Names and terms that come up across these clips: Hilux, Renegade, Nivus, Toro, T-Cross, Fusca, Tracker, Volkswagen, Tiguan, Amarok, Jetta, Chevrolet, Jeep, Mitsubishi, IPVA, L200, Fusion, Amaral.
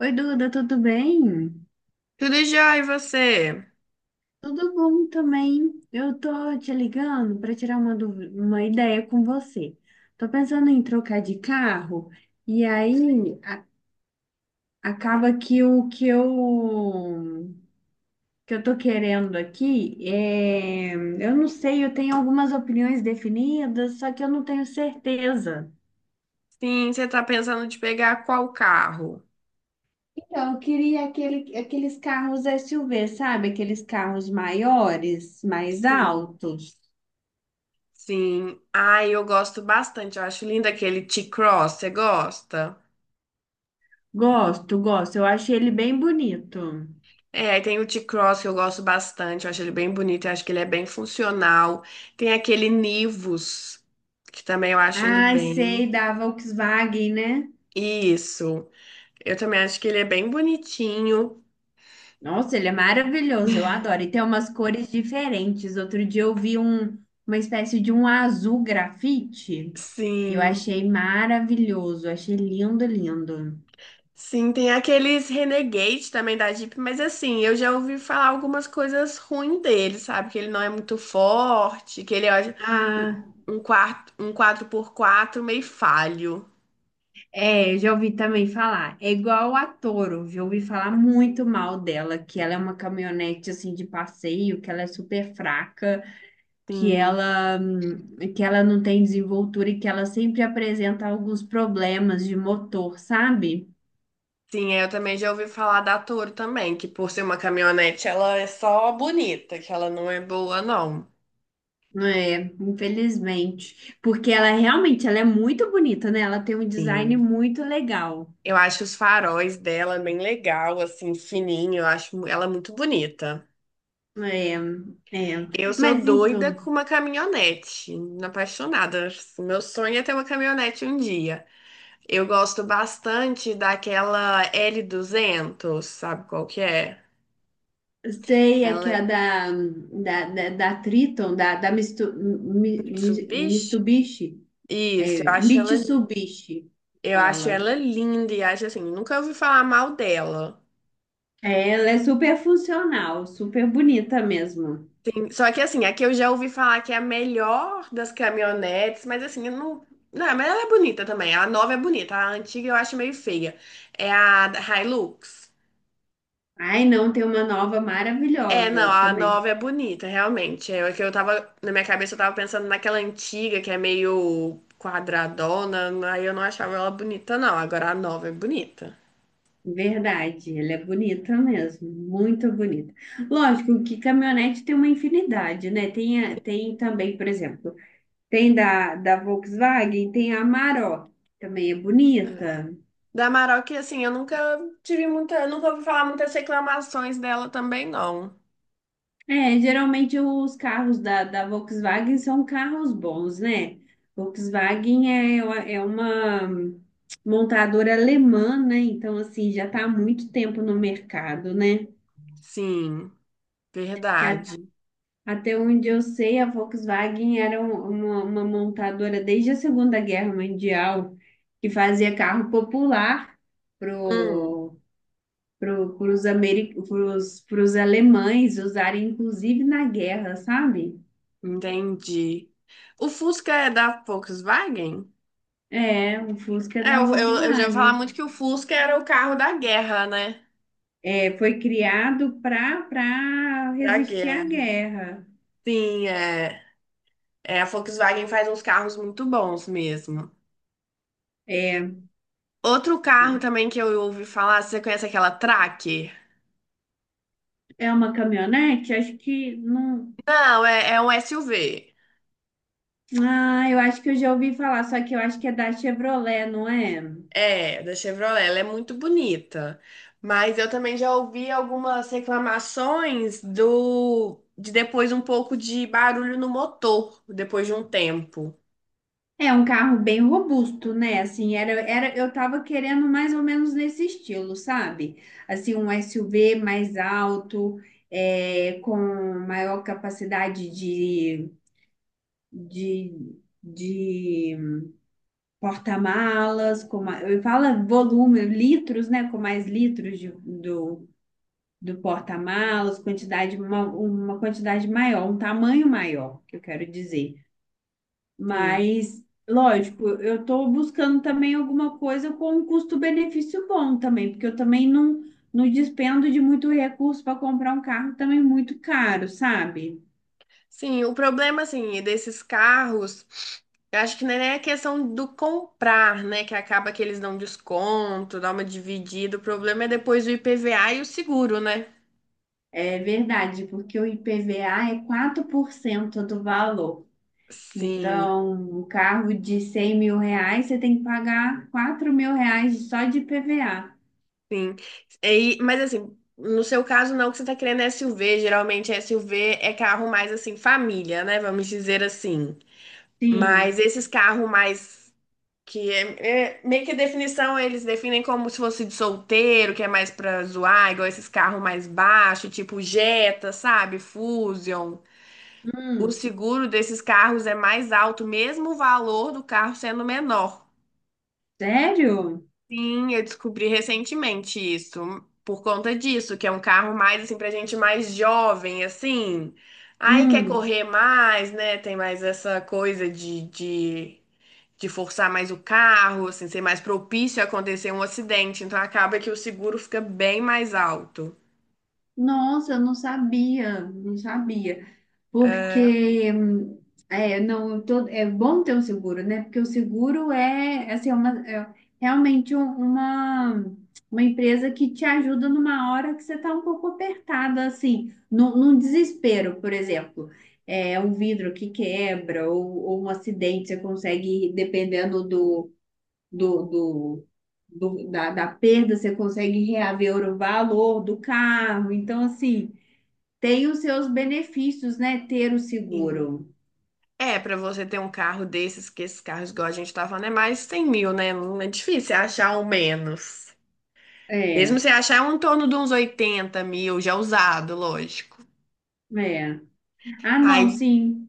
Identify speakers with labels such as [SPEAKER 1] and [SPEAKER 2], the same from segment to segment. [SPEAKER 1] Oi, Duda, tudo bem?
[SPEAKER 2] Tudo já, e você?
[SPEAKER 1] Tudo bom também. Eu tô te ligando para tirar uma ideia com você. Tô pensando em trocar de carro e aí acaba que o que eu tô querendo aqui é, eu não sei, eu tenho algumas opiniões definidas, só que eu não tenho certeza.
[SPEAKER 2] Sim, você tá pensando de pegar qual carro?
[SPEAKER 1] Então, eu queria aqueles carros SUV, sabe? Aqueles carros maiores, mais
[SPEAKER 2] Sim.
[SPEAKER 1] altos.
[SPEAKER 2] Sim. Ai, eu gosto bastante. Eu acho lindo aquele T-Cross. Você gosta?
[SPEAKER 1] Gosto, gosto. Eu achei ele bem bonito.
[SPEAKER 2] É, aí tem o T-Cross que eu gosto bastante. Eu acho ele bem bonito. Eu acho que ele é bem funcional. Tem aquele Nivus, que também eu acho ele
[SPEAKER 1] Ai, sei,
[SPEAKER 2] bem.
[SPEAKER 1] da Volkswagen, né?
[SPEAKER 2] Isso. Eu também acho que ele é bem bonitinho.
[SPEAKER 1] Nossa, ele é maravilhoso, eu adoro. E tem umas cores diferentes. Outro dia eu vi uma espécie de um azul grafite. Eu
[SPEAKER 2] Sim.
[SPEAKER 1] achei maravilhoso, achei lindo, lindo.
[SPEAKER 2] Sim, tem aqueles Renegade também da Jeep, mas assim, eu já ouvi falar algumas coisas ruins dele, sabe? Que ele não é muito forte, que ele é um,
[SPEAKER 1] Ah,
[SPEAKER 2] um quatro por quatro meio falho.
[SPEAKER 1] é, já ouvi também falar. É igual a Toro, já ouvi falar muito mal dela, que ela é uma caminhonete assim de passeio, que ela é super fraca. que
[SPEAKER 2] Sim.
[SPEAKER 1] ela que ela não tem desenvoltura e que ela sempre apresenta alguns problemas de motor, sabe?
[SPEAKER 2] Sim, eu também já ouvi falar da Toro também, que por ser uma caminhonete, ela é só bonita, que ela não é boa, não.
[SPEAKER 1] É, infelizmente, porque ela realmente ela é muito bonita, né? Ela tem um design
[SPEAKER 2] Sim.
[SPEAKER 1] muito legal.
[SPEAKER 2] Eu acho os faróis dela bem legal, assim, fininho, eu acho ela é muito bonita.
[SPEAKER 1] É, é.
[SPEAKER 2] Eu sou
[SPEAKER 1] Mas
[SPEAKER 2] doida
[SPEAKER 1] então,
[SPEAKER 2] com uma caminhonete, apaixonada. Meu sonho é ter uma caminhonete um dia. Eu gosto bastante daquela L200, sabe qual que é?
[SPEAKER 1] sei é
[SPEAKER 2] Ela
[SPEAKER 1] que é
[SPEAKER 2] é
[SPEAKER 1] da Triton, da Mistu,
[SPEAKER 2] Mitsubishi?
[SPEAKER 1] Mitsubishi,
[SPEAKER 2] Isso,
[SPEAKER 1] é, Mitsubishi,
[SPEAKER 2] eu acho
[SPEAKER 1] fala.
[SPEAKER 2] ela linda e acho assim, nunca ouvi falar mal dela.
[SPEAKER 1] É, ela é super funcional, super bonita mesmo.
[SPEAKER 2] Só que assim, aqui eu já ouvi falar que é a melhor das caminhonetes, mas assim, eu não. Não, mas ela é bonita também. A nova é bonita, a antiga eu acho meio feia. É a Hilux.
[SPEAKER 1] Ai, não, tem uma nova
[SPEAKER 2] É, não,
[SPEAKER 1] maravilhosa
[SPEAKER 2] a
[SPEAKER 1] também.
[SPEAKER 2] nova é bonita, realmente. É o que eu tava, na minha cabeça eu tava pensando naquela antiga que é meio quadradona, aí eu não achava ela bonita, não. Agora a nova é bonita.
[SPEAKER 1] Verdade, ela é bonita mesmo, muito bonita. Lógico que caminhonete tem uma infinidade, né? Tem também, por exemplo, tem da Volkswagen, tem a Amarok, que também é
[SPEAKER 2] É.
[SPEAKER 1] bonita.
[SPEAKER 2] Da Amaral assim, eu nunca ouvi falar muitas reclamações dela também, não.
[SPEAKER 1] É, geralmente os carros da Volkswagen são carros bons, né? Volkswagen é uma montadora alemã, né? Então, assim, já está há muito tempo no mercado, né?
[SPEAKER 2] Sim, verdade.
[SPEAKER 1] Até onde eu sei, a Volkswagen era uma montadora desde a Segunda Guerra Mundial que fazia carro popular
[SPEAKER 2] Hum,
[SPEAKER 1] pro, pros alemães usarem, inclusive na guerra, sabe?
[SPEAKER 2] Entendi. O Fusca é da Volkswagen?
[SPEAKER 1] É, o Fusca
[SPEAKER 2] É,
[SPEAKER 1] da
[SPEAKER 2] eu já ouvi falar
[SPEAKER 1] Volkswagen.
[SPEAKER 2] muito que o Fusca era o carro da guerra, né?
[SPEAKER 1] É, foi criado para
[SPEAKER 2] Pra
[SPEAKER 1] resistir à
[SPEAKER 2] guerra.
[SPEAKER 1] guerra.
[SPEAKER 2] Sim, é. É, a Volkswagen faz uns carros muito bons mesmo.
[SPEAKER 1] É,
[SPEAKER 2] Outro carro também que eu ouvi falar, você conhece aquela Tracker?
[SPEAKER 1] é uma caminhonete? Acho que não.
[SPEAKER 2] Não, é um SUV.
[SPEAKER 1] Ah, eu acho que eu já ouvi falar, só que eu acho que é da Chevrolet, não é?
[SPEAKER 2] É, da Chevrolet. Ela é muito bonita. Mas eu também já ouvi algumas reclamações do de depois um pouco de barulho no motor, depois de um tempo.
[SPEAKER 1] É um carro bem robusto, né? Assim, era, eu tava querendo mais ou menos nesse estilo, sabe? Assim, um SUV mais alto, é, com maior capacidade de porta-malas, eu falo volume, litros, né? Com mais litros do porta-malas, quantidade, uma quantidade maior, um tamanho maior, que eu quero dizer.
[SPEAKER 2] Sim.
[SPEAKER 1] Mas, lógico, eu estou buscando também alguma coisa com um custo-benefício bom também, porque eu também não despendo de muito recurso para comprar um carro também muito caro, sabe?
[SPEAKER 2] Sim, o problema, assim, desses carros, eu acho que não é nem a questão do comprar, né? Que acaba que eles dão desconto, dá uma dividida. O problema é depois o IPVA e o seguro, né?
[SPEAKER 1] É verdade, porque o IPVA é 4% do valor.
[SPEAKER 2] Sim,
[SPEAKER 1] Então, um carro de 100 mil reais, você tem que pagar 4 mil reais só de IPVA.
[SPEAKER 2] sim. E, mas assim, no seu caso não, que você tá querendo SUV. Geralmente SUV é carro mais assim, família, né? Vamos dizer assim. Mas
[SPEAKER 1] Sim.
[SPEAKER 2] esses carros mais. Que é meio que a definição, eles definem como se fosse de solteiro, que é mais pra zoar, igual esses carros mais baixos, tipo Jetta, sabe? Fusion. O
[SPEAKER 1] Hum,
[SPEAKER 2] seguro desses carros é mais alto, mesmo o valor do carro sendo menor.
[SPEAKER 1] sério?
[SPEAKER 2] Sim, eu descobri recentemente isso, por conta disso, que é um carro mais assim pra gente mais jovem, assim. Aí quer
[SPEAKER 1] Hum.
[SPEAKER 2] correr mais, né? Tem mais essa coisa de, forçar mais o carro, assim, ser mais propício a acontecer um acidente. Então acaba que o seguro fica bem mais alto.
[SPEAKER 1] Nossa, eu não sabia, não sabia.
[SPEAKER 2] É,
[SPEAKER 1] Porque é, não, todo, é bom ter o seguro, né? Porque o seguro é, assim, é realmente uma empresa que te ajuda numa hora que você está um pouco apertada, assim, num desespero, por exemplo. É um vidro que quebra ou um acidente, você consegue, dependendo do, do- da perda, você consegue reaver o valor do carro. Então, assim. Tem os seus benefícios, né? Ter o
[SPEAKER 2] sim.
[SPEAKER 1] seguro.
[SPEAKER 2] É, pra você ter um carro desses, que esses carros, igual a gente tá falando, é mais 100 mil, né? Não é difícil achar um menos.
[SPEAKER 1] É,
[SPEAKER 2] Mesmo você achar é um torno de uns 80 mil, já usado, lógico.
[SPEAKER 1] é. Ah, não,
[SPEAKER 2] Aí,
[SPEAKER 1] sim.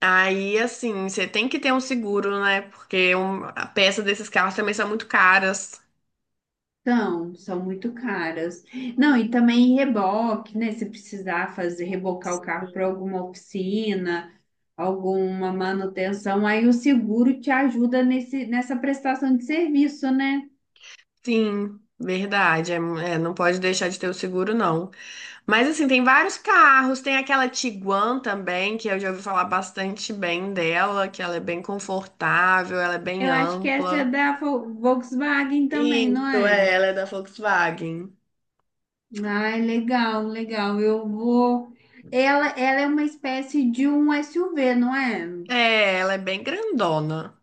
[SPEAKER 2] aí, assim, você tem que ter um seguro, né? Porque a peça desses carros também são muito caras.
[SPEAKER 1] São muito caras. Não, e também reboque, né? Se precisar fazer, rebocar o carro para alguma oficina, alguma manutenção, aí o seguro te ajuda nesse, nessa prestação de serviço, né?
[SPEAKER 2] Sim, verdade. É, não pode deixar de ter o seguro, não. Mas, assim, tem vários carros. Tem aquela Tiguan também, que eu já ouvi falar bastante bem dela, que ela é bem confortável, ela é bem
[SPEAKER 1] Eu acho que essa é
[SPEAKER 2] ampla.
[SPEAKER 1] da Volkswagen também, não
[SPEAKER 2] Isso,
[SPEAKER 1] é?
[SPEAKER 2] é, ela é da Volkswagen.
[SPEAKER 1] Ah, legal, legal. Eu vou. Ela é uma espécie de um SUV, não é?
[SPEAKER 2] É, ela é bem grandona,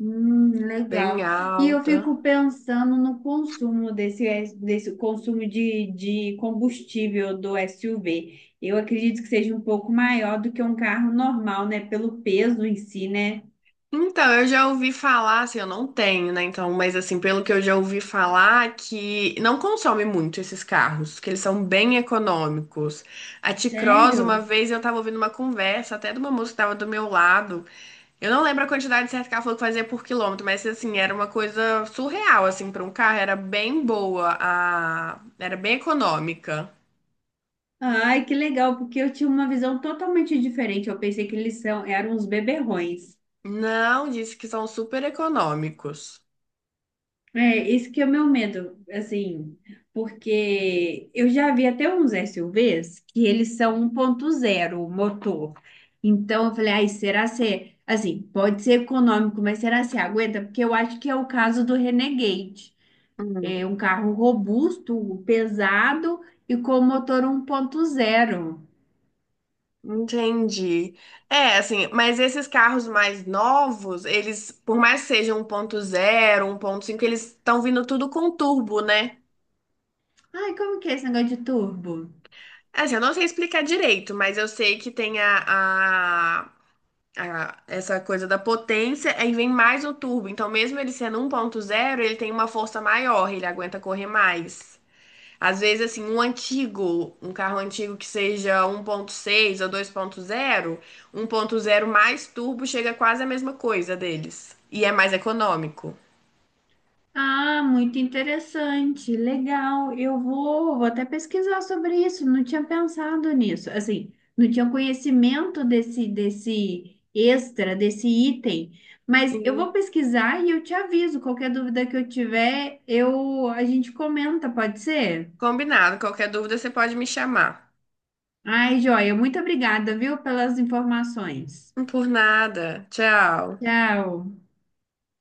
[SPEAKER 2] bem
[SPEAKER 1] Legal. E eu
[SPEAKER 2] alta.
[SPEAKER 1] fico pensando no consumo desse consumo de combustível do SUV. Eu acredito que seja um pouco maior do que um carro normal, né? Pelo peso em si, né?
[SPEAKER 2] Então, eu já ouvi falar, assim, eu não tenho, né? Então, mas assim, pelo que eu já ouvi falar, que não consome muito esses carros, que eles são bem econômicos. A T-Cross, uma
[SPEAKER 1] Sério?
[SPEAKER 2] vez eu tava ouvindo uma conversa, até de uma moça que tava do meu lado. Eu não lembro a quantidade certa que ela falou que fazia por quilômetro, mas assim, era uma coisa surreal, assim, para um carro, era bem boa, era bem econômica.
[SPEAKER 1] Ai, que legal, porque eu tinha uma visão totalmente diferente. Eu pensei que eles são, eram uns beberrões.
[SPEAKER 2] Não, disse que são super econômicos.
[SPEAKER 1] É, isso que é o meu medo, assim, porque eu já vi até uns SUVs que eles são 1.0 motor. Então eu falei, ai, será se, assim, pode ser econômico, mas será se aguenta? Porque eu acho que é o caso do Renegade. É um carro robusto, pesado e com motor 1.0.
[SPEAKER 2] Entendi. É, assim, mas esses carros mais novos, eles, por mais que sejam 1.0, 1.5, eles estão vindo tudo com turbo, né?
[SPEAKER 1] Ai, como que é esse negócio de turbo?
[SPEAKER 2] Assim, eu não sei explicar direito, mas eu sei que tem a essa coisa da potência, aí vem mais o turbo. Então, mesmo ele sendo 1.0, ele tem uma força maior, ele aguenta correr mais. Às vezes, assim, um carro antigo que seja 1.6 ou 2.0, 1.0 mais turbo chega quase a mesma coisa deles. E é mais econômico.
[SPEAKER 1] Ah, muito interessante, legal. Eu vou até pesquisar sobre isso. Não tinha pensado nisso. Assim, não tinha conhecimento desse extra, desse item. Mas eu vou
[SPEAKER 2] Sim.
[SPEAKER 1] pesquisar e eu te aviso. Qualquer dúvida que eu tiver, eu a gente comenta, pode ser?
[SPEAKER 2] Combinado. Qualquer dúvida, você pode me chamar.
[SPEAKER 1] Ai, joia, muito obrigada, viu, pelas informações.
[SPEAKER 2] Por nada. Tchau.
[SPEAKER 1] Tchau.